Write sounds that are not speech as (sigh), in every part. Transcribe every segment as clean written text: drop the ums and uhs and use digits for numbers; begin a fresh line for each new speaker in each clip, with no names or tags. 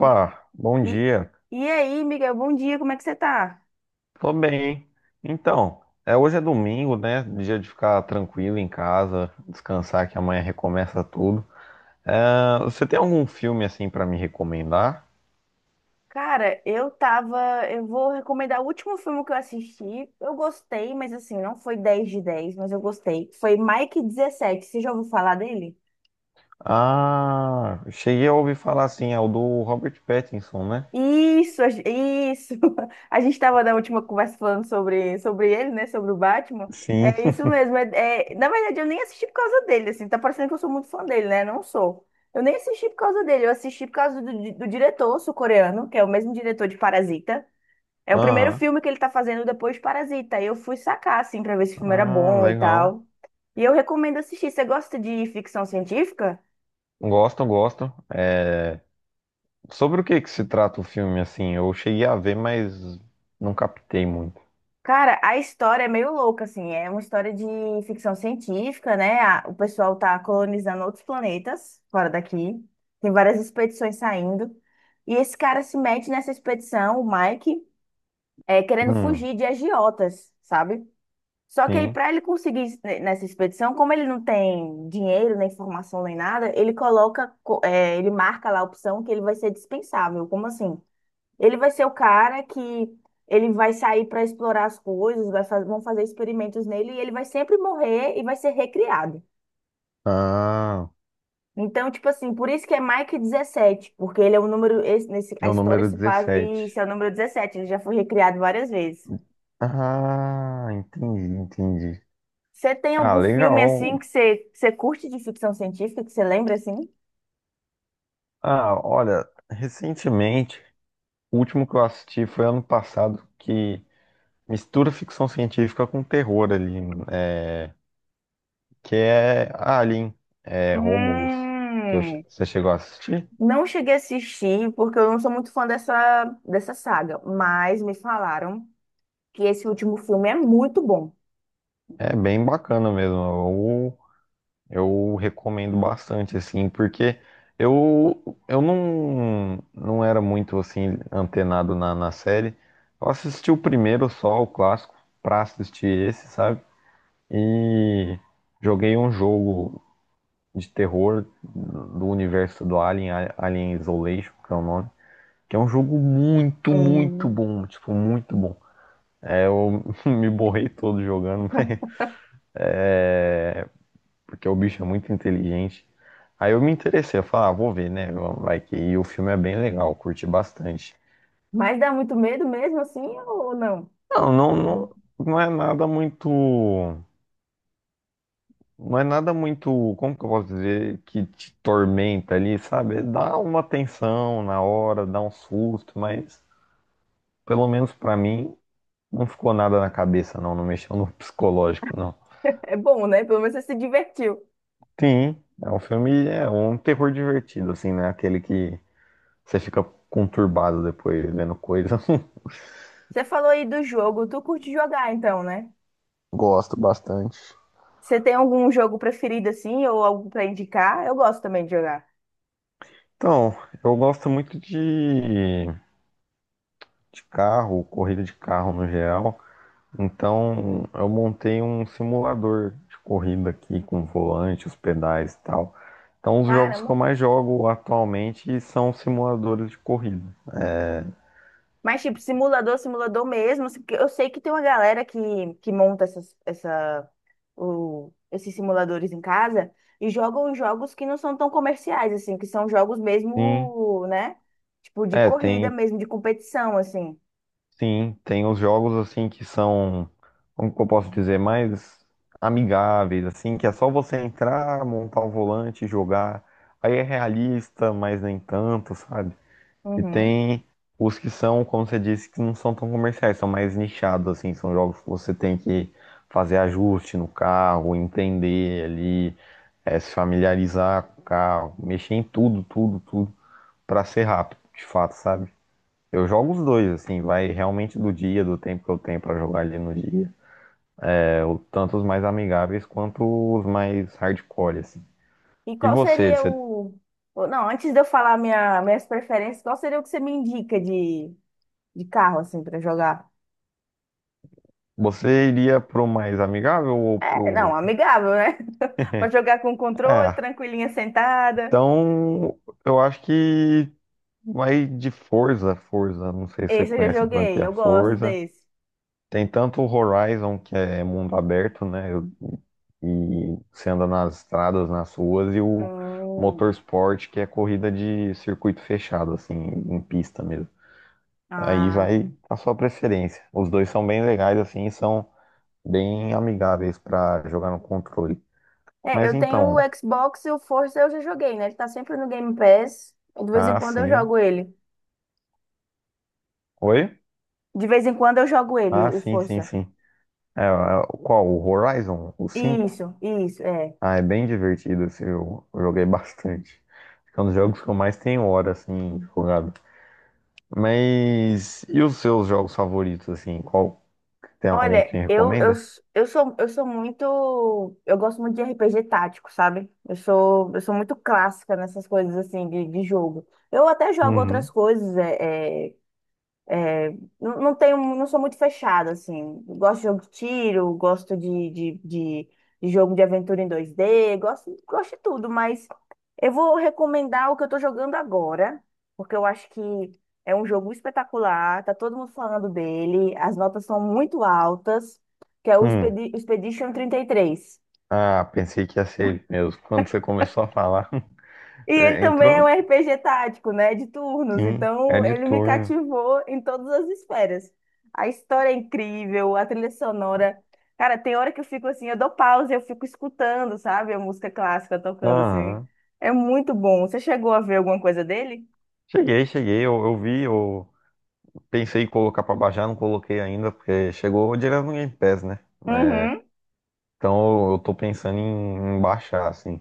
E,
bom
e-
dia.
e aí, Miguel, bom dia, como é que você tá?
Tô bem. Então, hoje é domingo, né? Dia de ficar tranquilo em casa, descansar que amanhã recomeça tudo. É, você tem algum filme assim pra me recomendar?
Cara, eu tava. Eu vou recomendar o último filme que eu assisti. Eu gostei, mas assim, não foi 10 de dez, mas eu gostei. Foi Mike dezessete. Você já ouviu falar dele?
Ah, cheguei a ouvir falar assim, é o do Robert Pattinson, né?
Isso, a gen- isso. (laughs) A gente tava na última conversa falando sobre ele, né? Sobre o Batman.
Sim.
É isso
(laughs)
mesmo. Na verdade, eu nem assisti por causa dele, assim. Tá parecendo que eu sou muito fã dele, né? Não sou. Eu nem assisti por causa dele, eu assisti por causa do diretor sul-coreano, que é o mesmo diretor de Parasita. É o primeiro
Aham.
filme que ele tá fazendo depois de Parasita. Aí eu fui sacar, assim, pra ver se o filme era
Ah,
bom e
legal.
tal. E eu recomendo assistir. Você gosta de ficção científica?
Gosto, gosto. É, sobre o que que se trata o filme assim? Eu cheguei a ver, mas não captei muito.
Cara, a história é meio louca, assim. É uma história de ficção científica, né? O pessoal tá colonizando outros planetas fora daqui. Tem várias expedições saindo. E esse cara se mete nessa expedição, o Mike, querendo
Hum,
fugir de agiotas, sabe? Só que aí,
sim.
para ele conseguir nessa expedição, como ele não tem dinheiro, nem formação, nem nada, ele coloca, co- eh, ele marca lá a opção que ele vai ser dispensável. Como assim? Ele vai ser o cara que ele vai sair para explorar as coisas, vão fazer experimentos nele e ele vai sempre morrer e vai ser recriado.
Ah.
Então, tipo assim, por isso que é Mike dezessete, porque ele é o número,
É
a
o
história
número
se passa, e
17.
esse é o número 17, ele já foi recriado várias vezes.
Ah, entendi, entendi.
Você tem
Ah,
algum filme assim
legal.
que você curte de ficção científica, que você lembra assim?
Ah, olha, recentemente, o último que eu assisti foi ano passado, que mistura ficção científica com terror ali, é, que é Alien, Romulus,
Hum,
você chegou a assistir.
não cheguei a assistir porque eu não sou muito fã dessa saga, mas me falaram que esse último filme é muito bom.
É bem bacana mesmo. Eu recomendo bastante, assim, porque eu, eu não era muito, assim, antenado na série. Eu assisti o primeiro só, o clássico, pra assistir esse, sabe? E joguei um jogo de terror do universo do Alien, Alien Isolation, que é o nome, que é um jogo muito, muito
Hum,
bom, tipo, muito bom. É, eu (laughs) me borrei todo jogando, (laughs) mas é, porque o bicho é muito inteligente. Aí eu me interessei, eu falei, ah, vou ver, né? Vai que e o filme é bem legal, eu curti bastante.
mas dá muito medo mesmo assim ou não?
Não, não é nada muito, não é nada muito, como que eu posso dizer, que te tormenta ali, sabe? Dá uma tensão na hora, dá um susto, mas pelo menos pra mim não ficou nada na cabeça, não, não mexeu no (laughs) psicológico, não.
É bom, né? Pelo menos você se divertiu.
Sim, é um filme, é um terror divertido, assim, né? Aquele que você fica conturbado depois vendo coisa.
Você falou aí do jogo, tu curte jogar então, né?
Gosto bastante.
Você tem algum jogo preferido assim ou algo pra indicar? Eu gosto também de jogar.
Então, eu gosto muito de carro, corrida de carro no geral. Então, eu montei um simulador de corrida aqui com volante, os pedais e tal. Então, os jogos que eu
Caramba.
mais jogo atualmente são simuladores de corrida.
Mas tipo, simulador mesmo, assim, porque eu sei que tem uma galera que monta esses simuladores em casa e jogam jogos que não são tão comerciais, assim, que são jogos
Sim,
mesmo, né? Tipo, de
é,
corrida
tem,
mesmo, de competição, assim.
Sim, tem os jogos assim que são, como que eu posso dizer, mais amigáveis, assim, que é só você entrar, montar o volante, e jogar. Aí é realista, mas nem tanto, sabe? E
Uhum.
tem os que são, como você disse, que não são tão comerciais, são mais nichados, assim, são jogos que você tem que fazer ajuste no carro, entender ali, se familiarizar com o carro, mexer em tudo, tudo, tudo, pra ser rápido, de fato, sabe? Eu jogo os dois, assim, vai realmente do dia, do tempo que eu tenho pra jogar ali no dia. É, tanto os mais amigáveis quanto os mais hardcore, assim.
E
E
qual seria
você,
o. o- Não, antes de eu falar minhas preferências, qual seria o que você me indica de carro, assim, pra jogar?
você iria pro mais amigável ou
É, não,
pro.
amigável, né? (laughs) Pra
(laughs)
jogar com controle,
Ah,
tranquilinha, sentada.
então eu acho que vai de Forza. Não sei se você
Esse eu já
conhece a
joguei,
franquia
eu gosto
Forza.
desse.
Tem tanto o Horizon, que é mundo aberto, né? E você anda nas estradas, nas ruas, e o
Hum.
Motorsport, que é corrida de circuito fechado, assim, em pista mesmo. Aí
Ah.
vai a sua preferência. Os dois são bem legais, assim, e são bem amigáveis para jogar no controle.
É,
Mas
eu tenho o
então,
Xbox e o Forza eu já joguei, né? Ele tá sempre no Game Pass. De vez em
ah,
quando eu
sim.
jogo ele.
Oi?
De vez em quando eu jogo ele,
Ah,
o
sim,
Forza.
sim. É, é, qual? O Horizon? O 5?
Isso, é.
Ah, é bem divertido, assim, eu joguei bastante. Acho que é um dos jogos que eu mais tenho hora, assim, jogado. Mas, e os seus jogos favoritos, assim, qual, tem algum
Olha,
que me
eu, eu,
recomenda?
s- eu sou, eu sou muito. Eu gosto muito de RPG tático, sabe? Eu sou muito clássica nessas coisas assim de jogo. Eu até jogo outras
Uhum.
coisas, É, não, não tenho, não sou muito fechada, assim. Gosto de jogo de tiro, gosto de jogo de aventura em 2D gosto, gosto de tudo, mas eu vou recomendar o que eu tô jogando agora, porque eu acho que é um jogo espetacular, tá todo mundo falando dele, as notas são muito altas, que é o
Hum,
Expedition 33.
ah, pensei que ia ser ele mesmo. Quando você começou a falar,
E
(laughs)
ele
é,
também é um
entrou,
RPG tático, né? De turnos.
sim, é
Então,
de
ele me
turno.
cativou em todas as esferas. A história é incrível, a trilha sonora. Cara, tem hora que eu fico assim, eu dou pausa e eu fico escutando, sabe? A música clássica tocando, assim.
Aham.
É muito bom. Você chegou a ver alguma coisa dele?
Cheguei, cheguei, eu vi, eu pensei em colocar pra baixar, não coloquei ainda, porque chegou direto no Game Pass, né?
Uhum,
Então eu tô pensando em, em baixar, assim.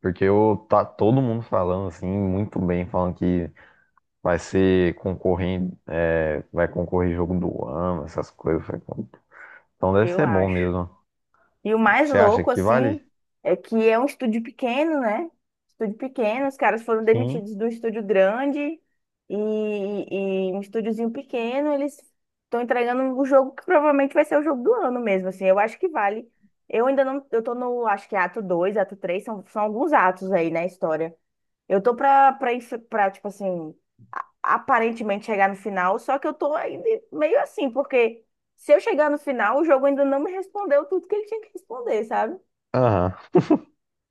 Porque eu, tá todo mundo falando assim, muito bem, falando que vai ser concorrente, vai concorrer jogo do ano, essas coisas. Eu falei, "Pô, então deve
eu
ser bom
acho.
mesmo.
E o mais
Você acha
louco,
que vale?"
assim, é que é um estúdio pequeno, né? Estúdio pequeno, os caras foram
Sim.
demitidos do estúdio grande e um estúdiozinho pequeno, eles estão entregando o jogo que provavelmente vai ser o jogo do ano mesmo, assim. Eu acho que vale. Eu ainda não, eu tô no, acho que é ato dois, ato três, são, são alguns atos aí na história. Eu tô pra, tipo assim, aparentemente chegar no final, só que eu tô ainda meio assim, porque se eu chegar no final, o jogo ainda não me respondeu tudo que ele tinha que responder, sabe?
Aham.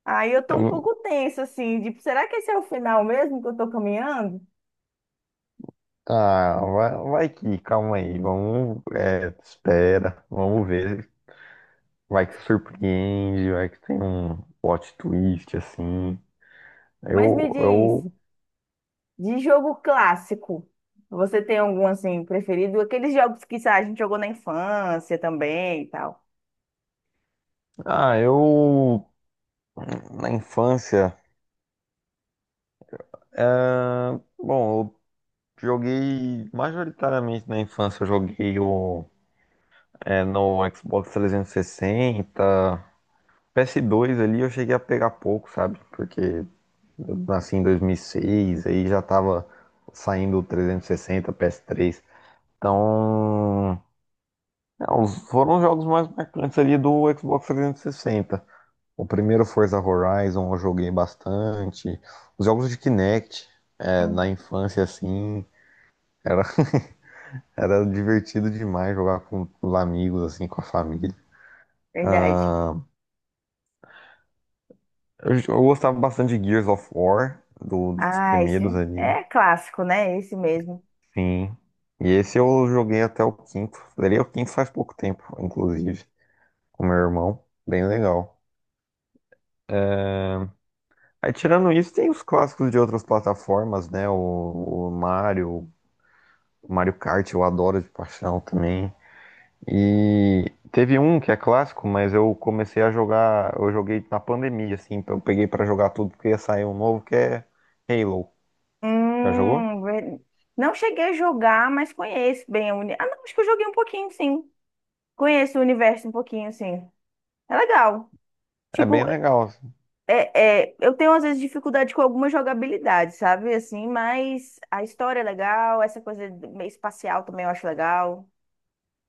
Aí eu tô
Eu-
um
vou-
pouco tensa, assim, de será que esse é o final mesmo que eu tô caminhando?
Ah, vai, vai que, calma aí, vamos, espera, vamos ver. Vai que surpreende, vai que tem um plot twist assim.
Mas me
Eu,
diz,
eu,
de jogo clássico, você tem algum, assim, preferido? Aqueles jogos que, sei lá, a gente jogou na infância também e tal.
ah, eu, Na infância, é, bom, joguei majoritariamente na infância, eu joguei no Xbox 360, PS2 ali eu cheguei a pegar pouco, sabe? Porque eu nasci em 2006, aí já tava saindo o 360, PS3. Então, foram os jogos mais marcantes ali do Xbox 360. O primeiro Forza Horizon eu joguei bastante. Os jogos de Kinect, na
Hum.
infância assim, era era divertido demais jogar com os amigos, assim, com a família.
Verdade.
Ah, eu gostava bastante de Gears of War, dos
Ah, esse
primeiros ali.
é clássico, né? Esse mesmo.
Sim. E esse eu joguei até o quinto. Zerei o quinto faz pouco tempo, inclusive, com meu irmão. Bem legal. Aí, tirando isso, tem os clássicos de outras plataformas, né? O Mario, o Mario Kart, eu adoro de paixão também. E teve um que é clássico, mas eu comecei a jogar, eu joguei na pandemia, assim, então eu peguei pra jogar tudo porque ia sair um novo que é Halo. Já jogou?
Hum, ver- não cheguei a jogar, mas conheço bem a uni... Ah, não, acho que eu joguei um pouquinho, sim. Conheço o universo um pouquinho, sim. É legal.
É bem
Tipo,
legal, assim.
eu tenho às vezes dificuldade com alguma jogabilidade, sabe? Assim, mas a história é legal, essa coisa meio espacial também eu acho legal.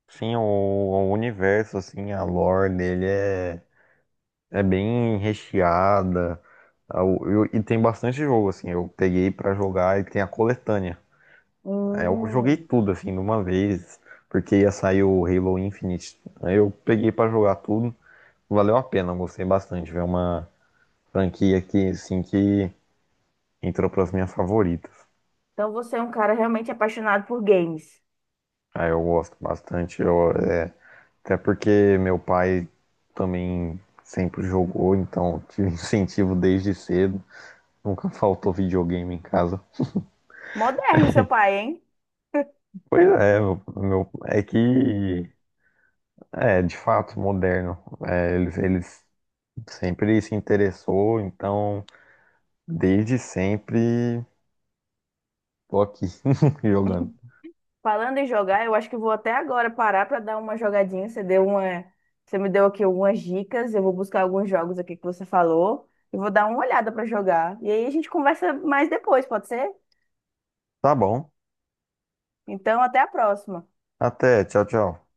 Sim, o universo, assim, a lore dele é bem recheada. E tem bastante jogo, assim, eu peguei pra jogar e tem a coletânea. Aí eu joguei
Hum.
tudo, assim, de uma vez, porque ia sair o Halo Infinite. Aí eu peguei pra jogar tudo, valeu a pena, eu gostei bastante. Foi uma franquia que, assim, que entrou para as minhas favoritas.
Então você é um cara realmente apaixonado por games.
Aí eu gosto bastante, até porque meu pai também sempre jogou, então tive (laughs) incentivo desde cedo. Nunca faltou videogame em casa.
Moderno, seu pai, hein?
Pois é, é que é de fato moderno. Eles sempre se interessou, então desde sempre tô aqui (laughs) jogando.
Falando em jogar, eu acho que vou até agora parar para dar uma jogadinha. Você me deu aqui algumas dicas. Eu vou buscar alguns jogos aqui que você falou e vou dar uma olhada para jogar. E aí a gente conversa mais depois, pode ser?
Tá bom.
Então, até a próxima.
Até, tchau, tchau.